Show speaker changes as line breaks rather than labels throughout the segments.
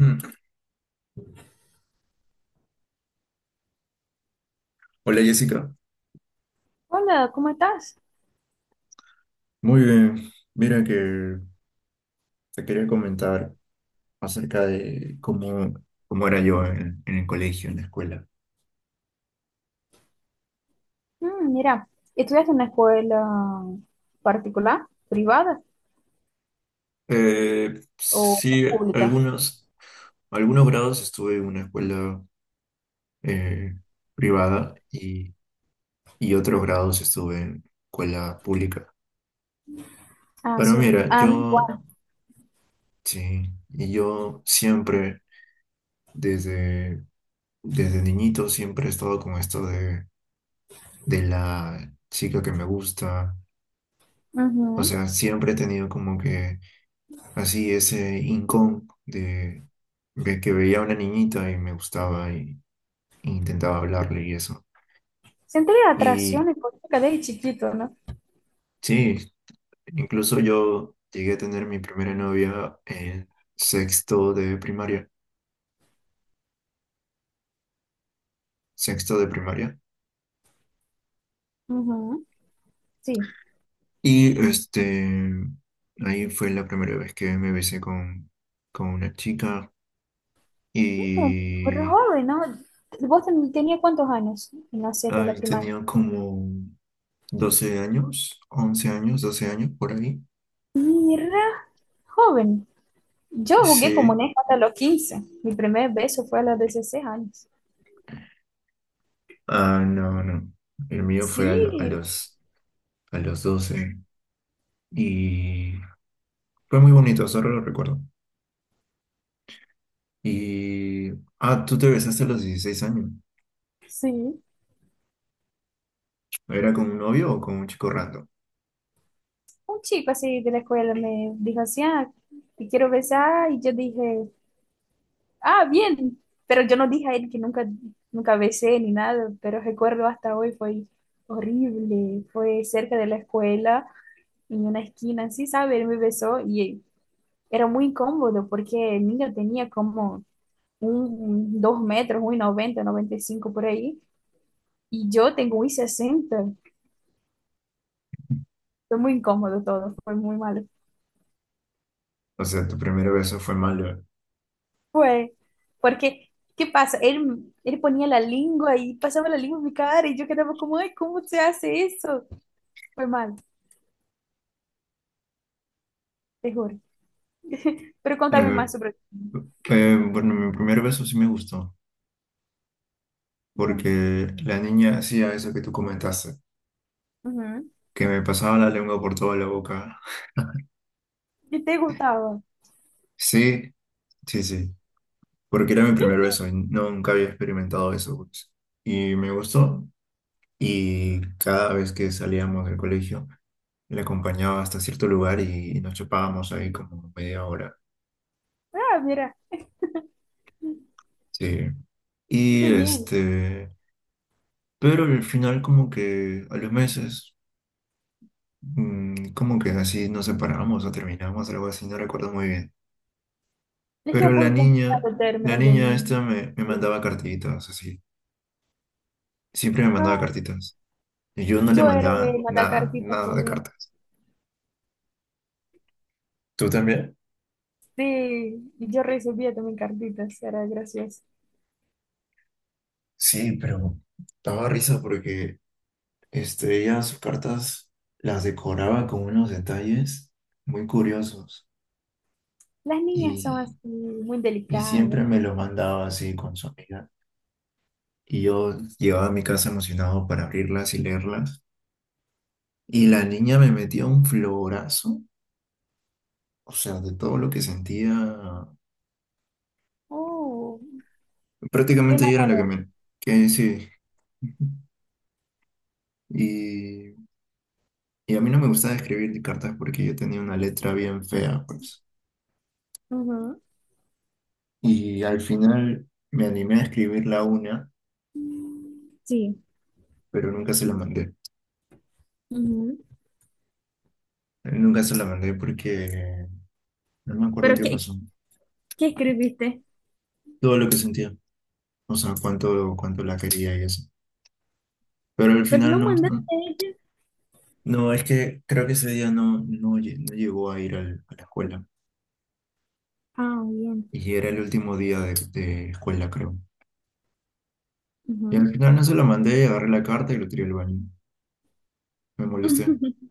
Mm. Hola Jessica,
Hola, ¿cómo estás?
muy bien. Mira que te quería comentar acerca de cómo era yo en el colegio, en la escuela.
Mm, mira, ¿estudiaste en una escuela particular, privada o
Sí,
pública?
algunos, algunos grados estuve en una escuela eh, privada y otros grados estuve en escuela pública.
Ah,
Pero
sí.
mira,
Ah, mi igual.
sí, y yo siempre, desde, desde niñito, siempre he estado con esto de la chica que me gusta. O
Ujú.
sea, siempre he tenido como que así ese rincón de que veía a una niñita y me gustaba y intentaba hablarle y eso.
Sentí la
Y
atracción económica desde chiquito, ¿no?
sí, incluso yo llegué a tener mi primera novia en sexto de primaria, sexto de primaria.
Ujú. Sí.
Y este, Ahí fue la primera vez que me besé con una chica,
Mm, pero
y
joven, ¿no? ¿Vos tenías cuántos años en la siete de la
ahí
primaria?
tenía como 12 años, 11 años, 12 años por ahí.
Mira, joven. Yo jugué como
Sí,
neja hasta los 15. Mi primer beso fue a los 16 años.
ah, no, no. El mío fue
Sí,
a los 12 y fue muy bonito, solo lo recuerdo. Y, Tú te besaste a los 16 años.
sí.
¿Era con un novio o con un chico random?
Un chico así de la escuela me dijo así, ah, te quiero besar, y yo dije, ah, bien, pero yo no dije a él que nunca, nunca besé ni nada, pero recuerdo hasta hoy fue horrible, fue cerca de la escuela, en una esquina, así, sabes él me besó y era muy incómodo porque el niño tenía como un, 2 metros, un 1,90, 1,95 por ahí, y yo tengo un 1,60. Fue muy incómodo todo, fue muy malo.
O sea, tu primer beso fue malo.
Fue, porque ¿qué pasa? Él ponía la lengua y pasaba la lengua en mi cara y yo quedaba como, ay, ¿cómo se hace eso? Fue mal, te juro. Pero contame
Eh,
más sobre...
bueno, mi primer beso sí me gustó,
Bien.
porque la niña hacía eso que tú comentaste,
Ujú.
que me pasaba la lengua por toda la boca.
¿Y te gustaba?
Sí, sí, sí, porque era mi primer beso y nunca había experimentado eso, pues. Y me gustó, y cada vez que salíamos del colegio le acompañaba hasta cierto lugar y nos chapábamos ahí como media hora.
Ah, mira,
Sí.
qué
Y
bien.
este, pero al final, como que a los meses, como que así nos separamos o terminamos, algo así, no recuerdo muy bien.
Es que es
Pero
un poco complicado en
la
términos de
niña esta
niño.
me mandaba cartitas, así. Siempre me mandaba
Ah,
cartitas. Y yo no le
yo era de
mandaba
mandar
nada,
cartitas
nada de
también.
cartas. ¿Tú también?
Sí, y yo recibía también cartitas, era gracioso.
Sí, pero daba risa porque ella sus cartas las decoraba con unos detalles muy curiosos
Las niñas son
y,
así, muy
y
delicadas.
siempre me lo mandaba así con su amiga. Y yo llevaba a mi casa emocionado para abrirlas y leerlas. Y la niña me metía un florazo, o sea, de todo lo que sentía.
Oh, se
Prácticamente ella era la que
enamoró.
me... Que sí. Y, y a mí no me gustaba escribir cartas porque yo tenía una letra bien fea, pues.
Ujú.
Y al final me animé a escribirla una,
Sí.
pero nunca se la mandé.
Ujú.
Nunca se la mandé porque no me acuerdo
¿Pero
qué
qué,
pasó.
qué escribiste?
Todo lo que sentía, o sea, cuánto la quería y eso. Pero al
Pero
final
no
no,
mandaste
no,
a ella.
no, es que creo que ese día no llegó a ir a la escuela.
Ah, bien.
Y era el último día de escuela, creo. Y
Ujú.
al final no se la mandé, agarré la carta y lo tiré al baño. Me molesté.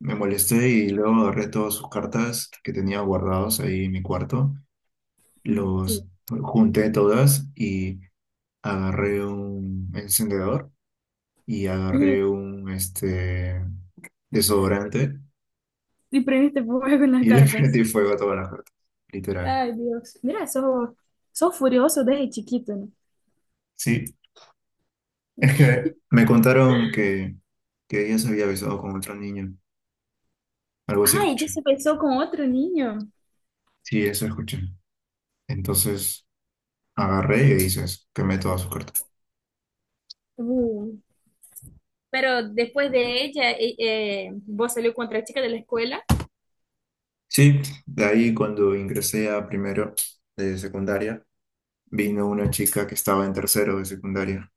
Me molesté y luego agarré todas sus cartas que tenía guardados ahí en mi cuarto,
Sí.
los junté todas y agarré un encendedor y
Y,
agarré un desodorante
y prendiste fuego con las
y le
cartas.
prendí fuego a todas las cartas, literal.
Ay, Dios. Mira, sos, sos furioso desde chiquito, ¿no?
Sí, es que me contaron que ella se había besado con otro niño, algo así
Ay, ella
escuché.
se besó con otro niño.
Sí, eso escuché. Entonces agarré y dices, quemé todas sus cartas.
Uh. Pero después de ella, vos salió con otra chica de la escuela.
Sí, de ahí cuando ingresé a primero de secundaria, vino una chica que estaba en tercero de secundaria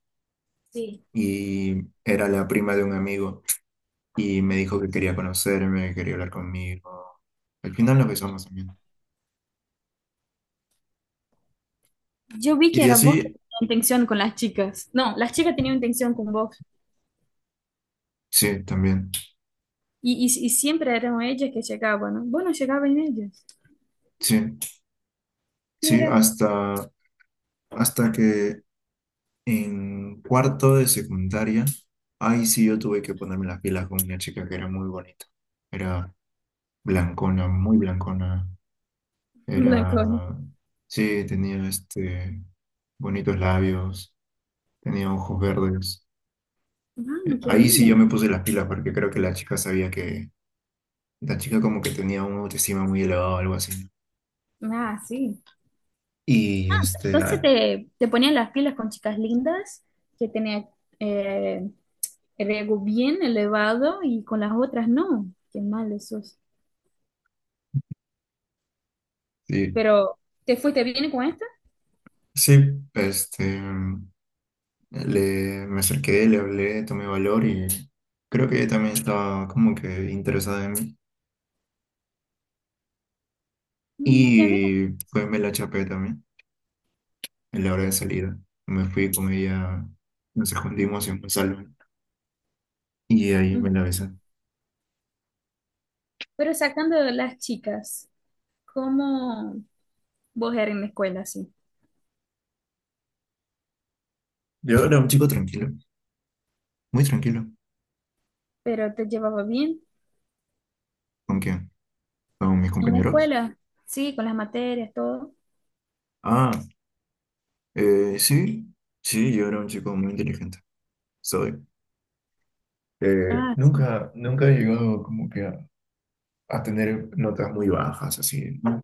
Sí.
y era la prima de un amigo y me dijo que quería conocerme, que quería hablar conmigo. Al final nos besamos también.
Yo vi que
Y
era vos que
así,
tenías intención con las chicas. No, las chicas tenían intención con vos.
sí, también.
Y siempre eran ellas que llegaban, ¿no? Vos no llegabas en ellas.
Sí, sí,
Mira.
hasta que en cuarto de secundaria, ahí sí yo tuve que ponerme las pilas con una chica que era muy bonita. Era blancona, muy blancona.
Blancona.
Era, sí, tenía bonitos labios, tenía ojos verdes.
Ah, qué
Ahí sí
linda.
yo me puse las pilas porque creo que la chica sabía que la chica como que tenía una autoestima muy elevada o algo así.
Ah, sí. Entonces
Ah,
te ponían las pilas con chicas lindas que tenían eh, el ego bien elevado y con las otras no. Qué mal eso.
sí,
Pero, ¿te fuiste bien con esta?
sí, este, me acerqué, le hablé, tomé valor y creo que ella también estaba como que interesada en mí.
Mm, qué bien.
Y pues me la chapé también en la hora de salida. Me fui con ella, nos escondimos en un salón y ahí me
Mm.
la besé.
Pero sacando de las chicas, ¿cómo vos eras en la escuela, sí?
Yo era un chico tranquilo, muy tranquilo.
¿Pero te llevaba bien
¿Con quién? Con mis
en la
compañeros.
escuela? Sí, con las materias, todo.
Ah, sí, sí, yo era un chico muy inteligente. Soy. Eh,
Ah, sí.
nunca, nunca he llegado como que a tener notas muy bajas, así, ¿no?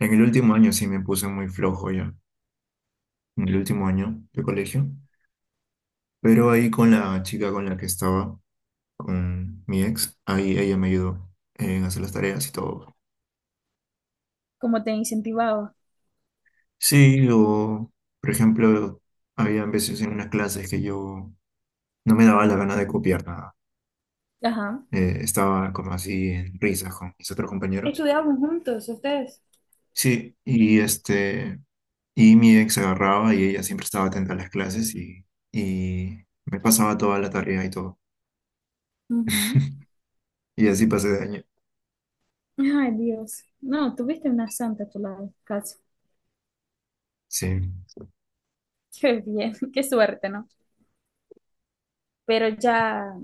En el último año sí me puse muy flojo ya, en el último año de colegio. Pero ahí con la chica con la que estaba, con mi ex, ahí ella me ayudó en hacer las tareas y todo.
¿Cómo te incentivaba?
Sí, o por ejemplo, había veces en unas clases que yo no me daba la gana de copiar nada.
Ajá.
Estaba como así en risas con mis otros compañeros.
¿Estudiaban juntos ustedes?
Sí, y mi ex agarraba y ella siempre estaba atenta a las clases y me pasaba toda la tarea y todo.
Ujú.
Y así pasé de año.
Ay, Dios. No, tuviste una santa a tu lado, casi.
Sí.
Qué bien, qué suerte, ¿no? Pero ya,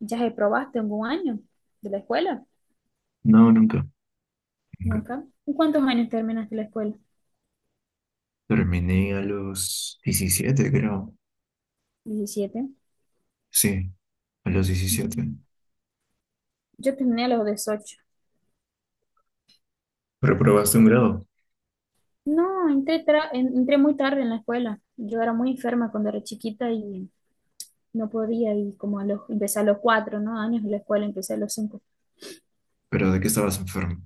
ya reprobaste algún año de la escuela.
No, nunca, nunca.
Nunca. ¿En cuántos años terminaste la escuela?
Terminé a los 17, creo.
17.
Sí, a los 17.
Mm, yo terminé a los 18.
Reprobaste un grado.
No, entré, entré muy tarde en la escuela. Yo era muy enferma cuando era chiquita y no podía y como a los, empecé a los 4, ¿no? años de la escuela, empecé a los 5.
¿Pero de qué estabas enfermo?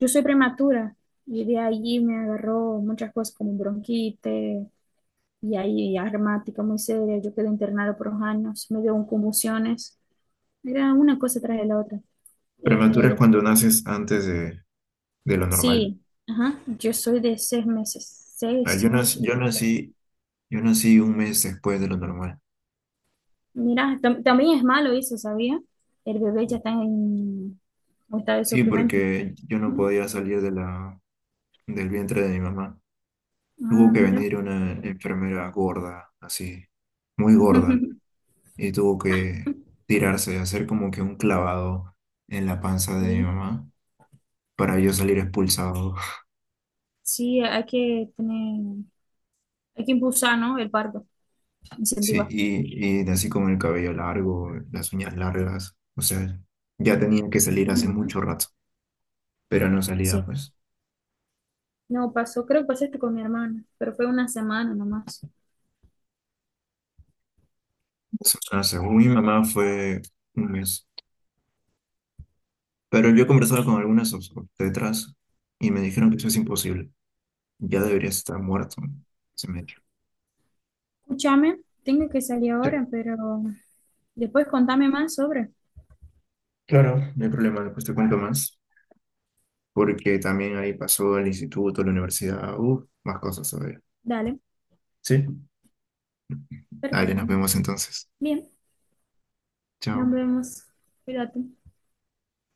Yo soy prematura y de allí me agarró muchas cosas como bronquitis y ahí asmática muy seria, yo quedé internada por 2 años, me dio un convulsiones, era una cosa tras de la otra.
Prematura es
Eh,
cuando naces antes de lo normal.
sí, ajá, yo soy de 6 meses,
Ah,
seis meses.
yo nací un mes después de lo normal.
Mira, también es malo eso, ¿sabía? El bebé ya está en un estado de
Sí,
sufrimiento.
porque yo no podía salir de del vientre de mi mamá.
Ah,
Tuvo que
mira.
venir una enfermera gorda, así, muy gorda, y tuvo que tirarse, hacer como que un clavado en la panza de mi
Sí,
mamá para yo salir expulsado.
sí, hay que tener, hay que impulsar, ¿no? El parto,
Sí,
incentivar.
y así como el cabello largo, las uñas largas, o sea, ya tenía que salir hace
Ajá.
mucho rato, pero no salía,
Sí.
pues.
No, pasó, creo que pasó esto con mi hermana, pero fue una semana nomás.
O sea, según mi mamá fue un mes. Pero yo he conversado con algunas obstetras y me dijeron que eso es imposible, ya debería estar muerto, ¿no? Ese metro.
Escúchame, tengo que salir
Sí,
ahora, pero después contame más sobre.
claro. No hay problema, después te cuento más, porque también ahí pasó el instituto, la universidad, más cosas todavía.
Dale,
Sí. Dale, nos
perfecto.
vemos entonces.
Bien, nos
Chao.
vemos. Cuídate.